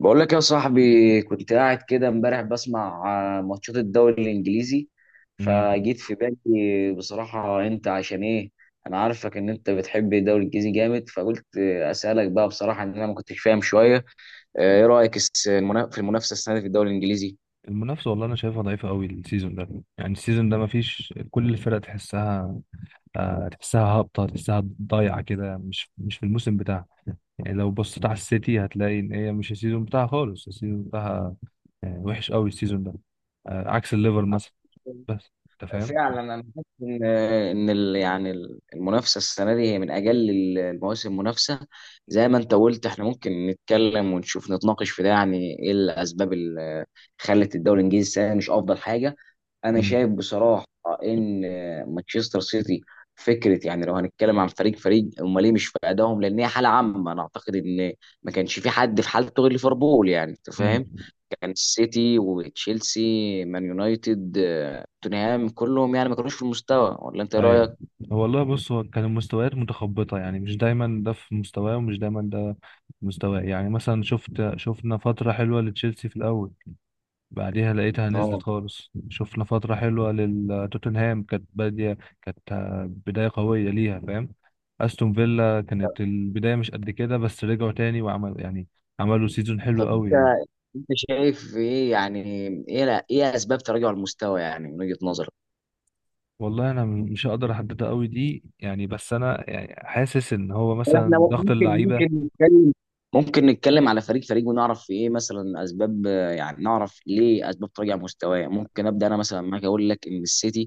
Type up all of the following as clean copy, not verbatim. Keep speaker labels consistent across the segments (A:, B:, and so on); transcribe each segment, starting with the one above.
A: بقول لك يا صاحبي، كنت قاعد كده امبارح بسمع ماتشات الدوري الانجليزي.
B: مم.
A: فجيت في بالي بصراحة انت عشان ايه. انا عارفك ان انت بتحب الدوري الانجليزي جامد، فقلت اسالك بقى بصراحة ان انا ما كنتش فاهم شوية. ايه رأيك في المنافسة السنة دي في الدوري
B: المنافسة والله أنا شايفها ضعيفة قوي السيزون ده. يعني السيزون ده مفيش كل الفرق تحسها. تحسها هابطة، تحسها ضايعة كده، مش في الموسم بتاعها. يعني لو بصيت على السيتي هتلاقي إن هي مش السيزون بتاعها خالص السيزون بتاعها وحش قوي السيزون ده، عكس الليفر مثلا
A: الانجليزي؟
B: بس. أنت فاهم؟
A: فعلا انا حاسس ان المنافسه السنه دي هي من اجل المواسم منافسه. زي ما انت قلت احنا ممكن نتكلم ونشوف نتناقش في ده، يعني ايه الاسباب اللي خلت الدوري الانجليزي السنه دي مش افضل حاجه. انا
B: مم.
A: شايف بصراحه ان مانشستر سيتي فكره، يعني لو هنتكلم عن فريق امال ليه مش في ادائهم، لان هي حاله عامه. انا اعتقد ان ما كانش في حد في حالته غير ليفربول، يعني انت
B: مم.
A: فاهم. كان السيتي وتشيلسي مان يونايتد توتنهام كلهم يعني ما كانوش في المستوى، ولا انت إيه
B: ايوه.
A: رايك؟
B: هو والله بص هو كان المستويات متخبطه، يعني مش دايما ده في مستواه ومش دايما ده في مستواه. يعني مثلا شفنا فتره حلوه لتشيلسي في الاول، بعديها لقيتها نزلت
A: اه
B: خالص. شفنا فتره حلوه لتوتنهام كانت باديه، كانت بدايه قويه ليها، فاهم. استون فيلا كانت البدايه مش قد كده بس رجعوا تاني وعمل عملوا سيزون حلو
A: طب
B: قوي
A: انت،
B: يعني.
A: انت شايف ايه يعني، ايه لا ايه اسباب تراجع المستوى يعني من وجهة نظرك؟
B: والله انا مش هقدر احددها قوي دي يعني، بس انا يعني حاسس ان هو
A: يعني احنا
B: مثلا ضغط
A: ممكن،
B: اللعيبه.
A: نتكلم على فريق ونعرف ايه مثلا اسباب، يعني نعرف ليه اسباب تراجع مستواه. ممكن ابدا انا مثلا معاك، اقول لك ان السيتي،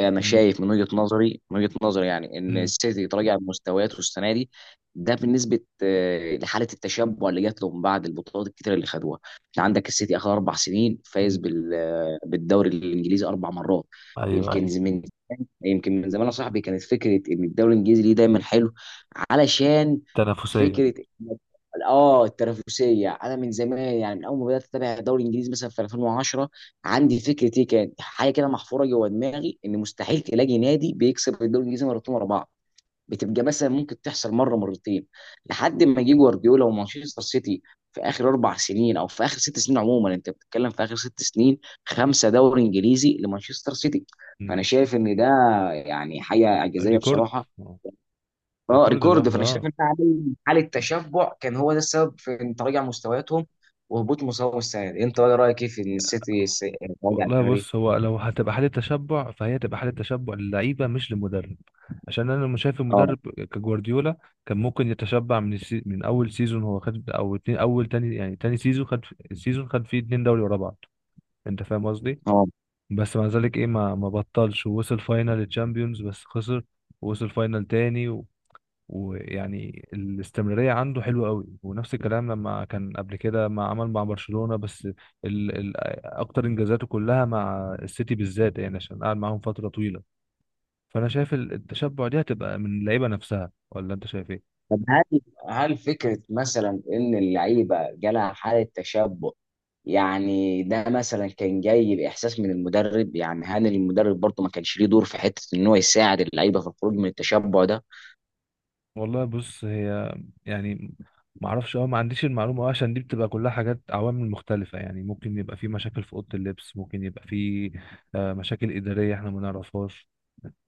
A: انا
B: مم.
A: شايف من وجهة نظري يعني ان
B: مم.
A: السيتي تراجع مستوياته السنه دي. ده بالنسبه لحاله التشبع اللي جات له من بعد البطولات الكتيره اللي خدوها. انت عندك السيتي اخر اربع سنين فايز
B: مم.
A: بالدوري الانجليزي اربع مرات.
B: ايوه
A: يمكن
B: ايوه.
A: من يمكن من زمان يا صاحبي، كانت فكره ان الدوري الانجليزي ليه دايما حلو علشان
B: تنافسية.
A: فكره إن- اه التنافسيه. انا من زمان يعني من اول ما بدات اتابع الدوري الانجليزي مثلا في 2010، عندي فكره، ايه كانت حاجه كده محفوره جوه دماغي، ان مستحيل تلاقي نادي بيكسب الدوري الانجليزي مرتين ورا بعض. بتبقى مثلا ممكن تحصل مره مرتين، لحد ما يجي جوارديولا ومانشستر سيتي. في اخر اربع سنين او في اخر ست سنين عموما، انت بتتكلم في اخر ست سنين خمسه دوري انجليزي لمانشستر سيتي.
B: مم.
A: فانا شايف ان ده يعني حاجه اعجازيه
B: ريكورد
A: بصراحه.
B: آه.
A: اه
B: ريكورد
A: ريكورد.
B: لوحده
A: فانا شايف ان
B: اه.
A: ده عامل حاله تشبع، كان هو ده السبب في ان تراجع مستوياتهم وهبوط مستواهم السنه دي. انت إيه رايك ايه في ان السيتي راجع
B: والله
A: السنه دي؟
B: بص، هو لو هتبقى حالة تشبع فهي تبقى حالة تشبع للعيبة مش للمدرب، عشان انا مش شايف
A: اه
B: المدرب كجوارديولا كان ممكن يتشبع من من اول سيزون هو خد، او اتنين اول تاني، يعني تاني سيزون خد، سيزون خد فيه اتنين دوري ورا بعض. انت فاهم قصدي؟
A: اه
B: بس مع ذلك ايه، ما بطلش ووصل فاينل الشامبيونز بس خسر، ووصل فاينل تاني. ويعني الاستمرارية عنده حلوة قوي، ونفس الكلام لما كان قبل كده ما عمل مع برشلونة، بس ال أكتر إنجازاته كلها مع السيتي بالذات، يعني عشان قعد معاهم فترة طويلة. فأنا شايف التشبع دي هتبقى من اللعيبة نفسها، ولا أنت شايف إيه؟
A: طب هل، هل فكره مثلا ان اللعيبه جالها حاله تشبع، يعني ده مثلا كان جاي باحساس من المدرب، يعني هاني المدرب برضه ما كانش ليه دور في حته ان هو يساعد اللعيبه في الخروج من التشبع ده؟
B: والله بص، هي يعني ما اعرفش اه، ما عنديش المعلومه أوي، عشان دي بتبقى كلها حاجات، عوامل مختلفه. يعني ممكن يبقى في مشاكل في اوضه اللبس، ممكن يبقى في مشاكل اداريه احنا ما نعرفهاش.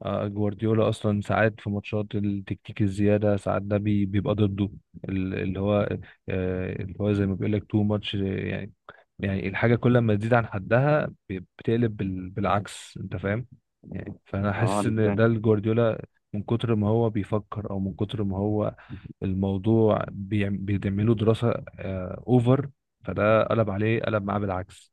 B: جوارديولا اصلا ساعات في ماتشات التكتيك الزياده ساعات ده بيبقى ضده، ال- اللي هو اللي هو زي ما بيقول لك تو ماتش يعني. يعني الحاجه كل ما تزيد عن حدها بتقلب بالعكس، انت فاهم. يعني فانا
A: اه
B: حاسس ان ده الجوارديولا من كتر ما هو بيفكر، او من كتر ما هو الموضوع بيعمله دراسه اوفر، فده قلب عليه، قلب معاه بالعكس.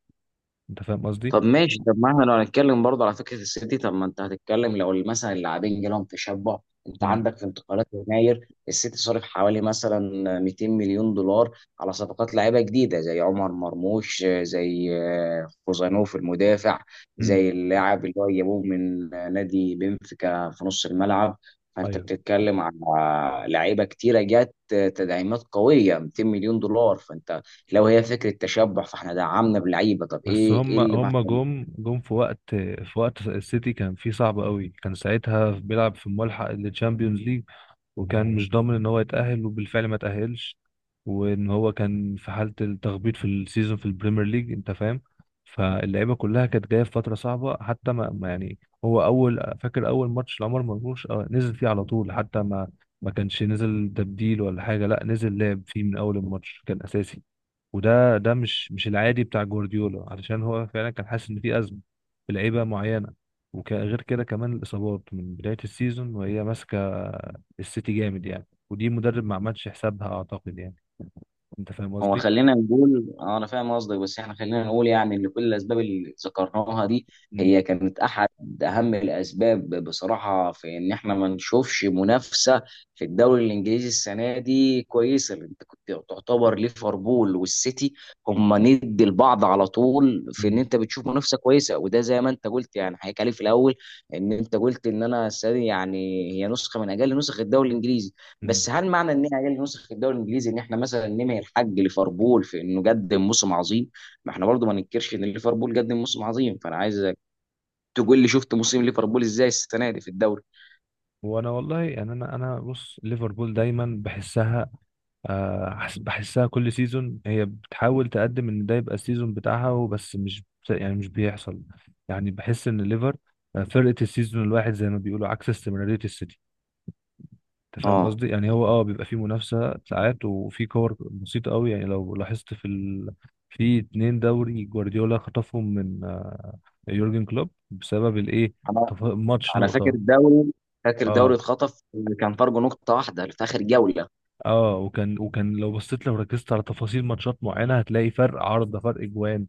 B: انت فاهم قصدي؟
A: طب ماشي، طب ما احنا لو هنتكلم برضه على فكره السيتي، طب ما انت هتتكلم لو مثلا اللاعبين جالهم تشبع. انت
B: امم.
A: عندك في انتقالات يناير السيتي صرف حوالي مثلا 200 مليون دولار على صفقات لاعيبه جديده، زي عمر مرموش، زي خوزانوف المدافع، زي اللاعب اللي هو جابوه من نادي بنفيكا في نص الملعب. فانت
B: ايوه،
A: بتتكلم على لعيبه كتيره جت، تدعيمات قويه 200 مليون دولار. فانت لو هي فكره تشبع فاحنا دعمنا بلعيبه، طب
B: بس
A: ايه
B: هم
A: اللي
B: هم جم في وقت، في وقت السيتي كان فيه صعب قوي، كان ساعتها بيلعب في الملحق للتشامبيونز ليج وكان مش ضامن ان هو يتأهل، وبالفعل ما تأهلش. وان هو كان في حالة التخبيط في السيزون في البريمير ليج، انت فاهم. فاللعيبة كلها كانت جاية في فترة صعبة، حتى ما ما يعني هو اول فاكر اول ماتش لعمر مرموش نزل فيه على طول، حتى ما كانش نزل تبديل ولا حاجة، لا نزل لعب فيه من اول الماتش كان اساسي. وده ده مش العادي بتاع جوارديولا، علشان هو فعلا كان حاسس ان في ازمه في لعيبه معينه. وغير كده كمان الاصابات من بدايه السيزون وهي ماسكه السيتي جامد يعني، ودي مدرب ما عملش حسابها اعتقد يعني. انت فاهم
A: هو.
B: قصدي؟
A: خلينا نقول انا فاهم قصدك، بس احنا خلينا نقول يعني ان كل الاسباب اللي ذكرناها دي
B: امم.
A: هي كانت احد اهم الاسباب بصراحه، في ان احنا ما نشوفش منافسه في الدوري الانجليزي السنه دي كويسه. لأن انت كنت تعتبر ليفربول والسيتي هم ند لبعض على طول، في ان
B: امم.
A: انت بتشوف منافسه كويسه. وده زي ما انت قلت يعني حكيت عليه في الاول، ان انت قلت ان انا السنه دي يعني هي نسخه من اجل نسخ الدوري الانجليزي. بس هل معنى ان هي نسخ الدوري الانجليزي ان احنا مثلا نمي الحق ليفربول في انه قدم موسم عظيم؟ ما احنا برضو ما ننكرش ان ليفربول قدم موسم عظيم. فانا عايزك تقول لي شفت موسم ليفربول ازاي السنه دي في الدوري.
B: وانا والله يعني انا بص ليفربول دايما بحسها، بحسها كل سيزون هي بتحاول تقدم ان ده يبقى السيزون بتاعها وبس، مش بت- يعني مش بيحصل. يعني بحس ان ليفر فرقة السيزون الواحد زي ما بيقولوا، عكس استمرارية السيتي. انت فاهم
A: اه
B: قصدي؟ يعني هو اه بيبقى فيه منافسة ساعات، وفي كور بسيطة قوي يعني لو لاحظت في اتنين دوري جوارديولا خطفهم من يورجن كلوب بسبب الايه،
A: انا،
B: ماتش
A: انا فاكر
B: نقطة.
A: الدوري فاكر دوري
B: اه
A: اتخطف، كان فرق نقطه واحده في اخر جوله.
B: اه وكان، لو بصيت، لو ركزت على تفاصيل ماتشات معينة هتلاقي فرق عارضة، فرق جوان،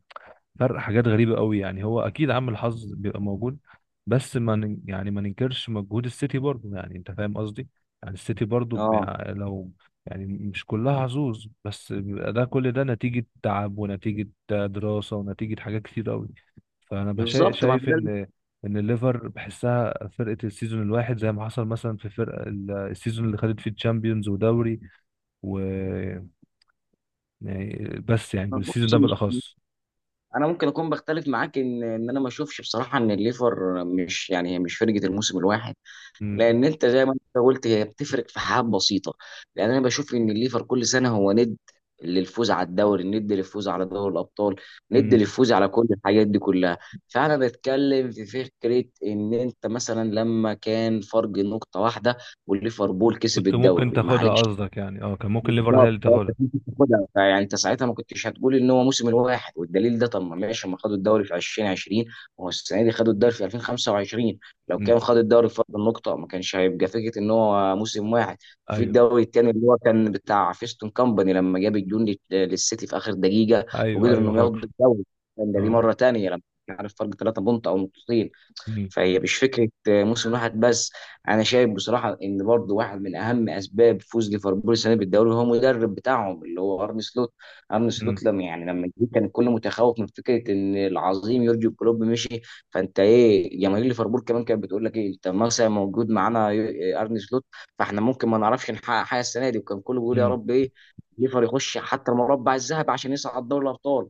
B: فرق حاجات غريبة قوي يعني. هو أكيد عامل حظ بيبقى موجود بس ما ن- يعني ما ننكرش مجهود السيتي برضه يعني. أنت فاهم قصدي؟ يعني السيتي برضه
A: اه
B: بيع- لو يعني مش كلها حظوظ، بس بيبقى ده، كل ده نتيجة تعب ونتيجة دراسة ونتيجة حاجات كتير قوي. فأنا
A: بالظبط، ما أنا
B: شايف
A: ده اللي.
B: إن، إن الليفر بحسها فرقة السيزون الواحد، زي ما حصل مثلا في فرق السيزون اللي خدت فيه تشامبيونز ودوري و يعني بس يعني
A: ما
B: بالسيزون
A: بص
B: ده
A: مش
B: بالأخص.
A: انا ممكن اكون بختلف معاك، ان انا ما اشوفش بصراحه ان الليفر مش، يعني هي مش فرقه الموسم الواحد.
B: مم.
A: لان انت زي ما انت قلت هي بتفرق في حاجات بسيطه. لان انا بشوف ان الليفر كل سنه هو ند للفوز على الدوري، ند للفوز على دوري الابطال، ند
B: مم.
A: للفوز على كل الحاجات دي كلها. فانا بتكلم في فكره ان انت مثلا لما كان فرق نقطه واحده والليفربول كسب
B: كنت ممكن
A: الدوري
B: تاخدها
A: معلش.
B: قصدك، يعني اه كان ممكن ليفر هي
A: بالظبط،
B: اللي
A: فانت
B: تاخدها.
A: كنت بتاخدها، فيعني انت ساعتها ما كنتش هتقول ان هو موسم الواحد. والدليل ده، طب ما ماشي، ما خدوا الدوري في 2020، وهو السنه دي خدوا الدوري في 2025. لو
B: امم.
A: كان خد الدوري في فرق النقطه ما كانش هيبقى فكره ان هو موسم واحد. وفي
B: ايوه
A: الدوري الثاني اللي هو كان بتاع فيستون كامباني لما جاب الجون للسيتي في اخر دقيقه
B: ايوه.
A: وقدروا
B: ايوه
A: انهم ياخدوا
B: فاكر.
A: الدوري، كان ده دي
B: اه.
A: مره ثانيه، لما كان عارف فرق ثلاثه بونت او نقطتين.
B: امم.
A: فهي مش فكره موسم واحد بس. انا شايف بصراحه ان برضو واحد من اهم اسباب فوز ليفربول السنه دي بالدوري هو المدرب بتاعهم اللي هو ارن سلوت. ارن
B: امم
A: سلوت لما، يعني لما جه، كان الكل متخوف من فكره ان العظيم يورجن كلوب مشي. فانت ايه، جماهير ليفربول كمان كانت بتقول لك ايه، انت مثلا موجود معانا ارن سلوت، فاحنا ممكن ما نعرفش نحقق حاجه السنه دي. وكان كله بيقول يا
B: امم
A: رب ايه ليفر يخش حتى المربع الذهبي عشان يصعد دوري الابطال.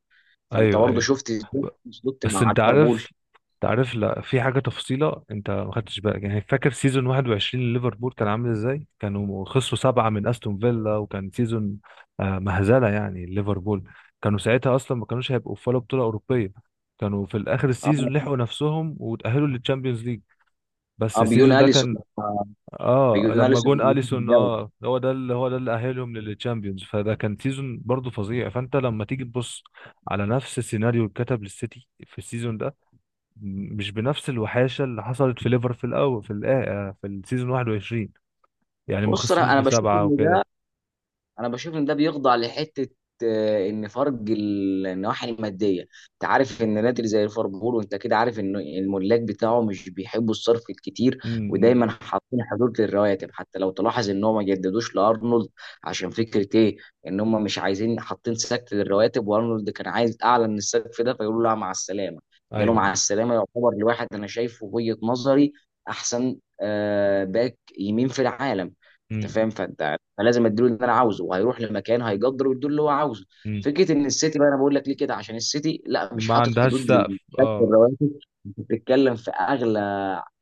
A: فانت
B: ايوه
A: برضه
B: ايوه.
A: شفت ازاي
B: ب-
A: أرن سلوت
B: بس
A: مع
B: انت
A: ليفربول.
B: عارف، انت عارف، لا في حاجه تفصيله انت ما خدتش بالك. يعني فاكر سيزون 21 لليفربول كان عامل ازاي؟ كانوا خسروا سبعه من استون فيلا، وكان سيزون مهزله يعني. ليفربول كانوا ساعتها اصلا ما كانوش هيبقوا في ولا بطوله اوروبيه، كانوا في الاخر السيزون
A: آه.
B: لحقوا نفسهم وتاهلوا للتشامبيونز ليج. بس
A: اه بيجون
B: السيزون ده
A: اليسون،
B: كان
A: آه،
B: اه،
A: بيجون
B: لما
A: اليسون
B: جون
A: بيجون في
B: اليسون
A: الجبل.
B: اه هو ده اللي، هو ده اللي اهلهم للتشامبيونز، فده كان سيزون برضه فظيع. فانت لما تيجي تبص على نفس السيناريو اللي اتكتب للسيتي في السيزون ده، مش بنفس الوحاشه اللي حصلت في ليفر في الاول، في في السيزون 21، يعني ما
A: بص
B: خسروش
A: انا،
B: بسبعه وكده.
A: انا بشوف ان ده بيخضع لحته، ان فرق النواحي الماديه. انت عارف ان نادي زي ليفربول، وانت كده عارف ان الملاك بتاعه مش بيحبوا الصرف الكتير،
B: امم.
A: ودايما حاطين حدود للرواتب. حتى لو تلاحظ ان هم ما جددوش لارنولد، عشان فكره ايه، ان هم مش عايزين، حاطين سقف للرواتب، وارنولد كان عايز اعلى من السقف ده، فيقولوا له لا مع السلامه. قالوا
B: ايوه.
A: مع السلامه يعتبر لواحد انا شايفه وجهه نظري احسن باك يمين في العالم. انت
B: امم.
A: فاهم؟ فانت فلازم اديله اللي انا عاوزه، وهيروح لمكان هيقدر ويديله اللي هو عاوزه.
B: امم.
A: فكره ان السيتي بقى، انا بقول لك ليه كده، عشان السيتي لا مش
B: ما
A: حاطط
B: عندهاش
A: حدود
B: سقف
A: للكاش
B: اه.
A: الرواتب. انت بتتكلم في اغلى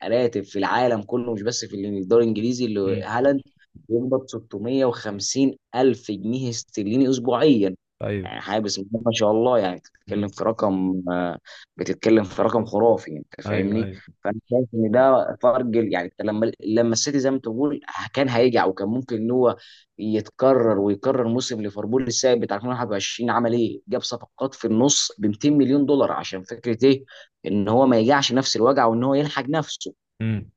A: راتب في العالم كله، مش بس في الدوري الانجليزي، اللي
B: امم.
A: هالاند بيقبض 650 الف جنيه استرليني اسبوعيا.
B: ايوه.
A: يعني حاجه بسم الله ما شاء الله. يعني بتتكلم
B: امم.
A: في رقم، بتتكلم في رقم خرافي. انت
B: ايوه
A: فاهمني؟
B: ايوه.
A: فانا شايف ان ده فرق يعني. لما السيتي زي ما تقول كان هيجي، او كان ممكن ان هو يتكرر ويكرر موسم ليفربول السابق بتاع 2021، عمل ايه؟ جاب صفقات في النص ب 200 مليون دولار عشان فكره ايه؟ ان هو ما يجعش نفس الوجع وان هو يلحق نفسه.
B: امم.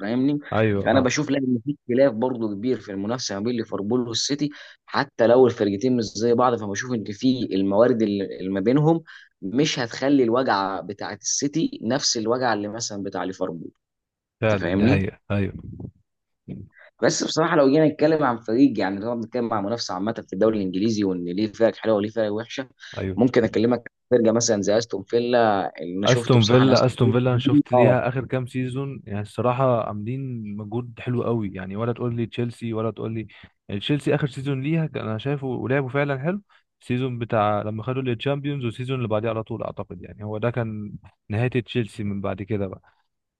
A: فاهمني؟
B: ايوه
A: فانا
B: فعلا.
A: بشوف لا، ان في اختلاف برضه كبير في المنافسه ما بين ليفربول والسيتي، حتى لو الفرقتين مش زي بعض. فبشوف ان في الموارد اللي ما بينهم مش هتخلي الوجع بتاعت السيتي نفس الوجع اللي مثلا بتاع ليفربول. انت
B: فعلا دي
A: فاهمني؟
B: حقيقه، ايوه.
A: بس بصراحه لو جينا نتكلم عن فريق يعني، لو نتكلم عن منافسه عامه في الدوري الانجليزي وان ليه فرق حلوه وليه فرق وحشه،
B: ايوه
A: ممكن اكلمك عن فرقه مثلا زي استون فيلا اللي انا شفته
B: استون
A: بصراحه، انا
B: فيلا،
A: استون
B: استون فيلا انا
A: فيلا.
B: شفت
A: اه
B: ليها اخر كام سيزون يعني، الصراحه عاملين مجهود حلو قوي يعني، ولا تقول لي تشيلسي ولا تقول لي. يعني تشيلسي اخر سيزون ليها كان، انا شايفه ولعبوا فعلا حلو، السيزون بتاع لما خدوا الشامبيونز والسيزون اللي بعديه على طول، اعتقد يعني هو ده كان نهايه تشيلسي من بعد كده بقى.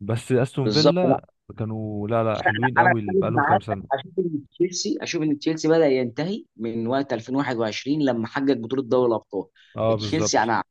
B: بس استون
A: بالظبط.
B: فيلا كانوا لا حلوين
A: انا
B: قوي
A: اختلف
B: بقالهم كام
A: معاك،
B: سنه.
A: اشوف ان تشيلسي، بدا ينتهي من وقت 2021 لما حقق بطوله دوري الابطال.
B: اه
A: تشيلسي
B: بالظبط.
A: انا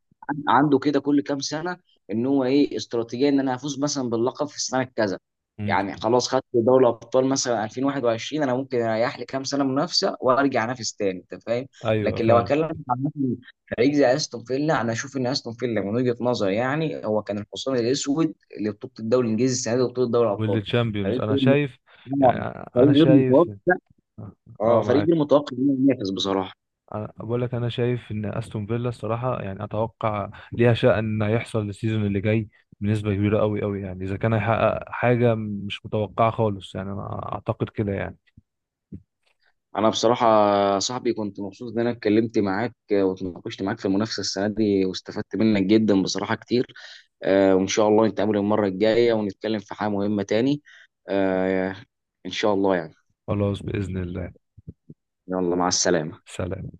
A: عنده كده كل كام سنه ان هو ايه استراتيجيه، ان انا هفوز مثلا باللقب في السنه كذا.
B: مم.
A: يعني خلاص خدت دوري الابطال مثلا 2021، انا ممكن اريح لي كام سنه منافسه وارجع انافس تاني، انت فاهم.
B: ايوه
A: لكن لو
B: فعلا.
A: اكلم عن مثلاً فريق زي استون فيلا، انا اشوف ان استون فيلا من وجهه نظري يعني هو كان الحصان الاسود لبطوله الدوري الانجليزي السنه دي وبطوله دوري الابطال.
B: والتشامبيونز
A: فريق
B: انا شايف،
A: آه،
B: يعني
A: فريق
B: انا
A: غير
B: شايف
A: متوقع.
B: اه.
A: اه فريق غير
B: معاك.
A: متوقع انه ينافس بصراحه.
B: أنا بقول لك، انا شايف ان استون فيلا الصراحه يعني اتوقع ليها شأن هيحصل السيزون اللي جاي بنسبه كبيره قوي قوي يعني، اذا كان هيحقق حاجه مش متوقعه خالص، يعني انا اعتقد كده يعني.
A: انا بصراحه يا صاحبي كنت مبسوط ان انا اتكلمت معاك، واتناقشت معاك في المنافسه السنه دي واستفدت منك جدا بصراحه كتير. وان شاء الله نتقابل المره الجايه ونتكلم في حاجه مهمه تاني. آه، ان شاء الله يعني.
B: خلاص باذن الله.
A: يلا مع السلامه.
B: سلام.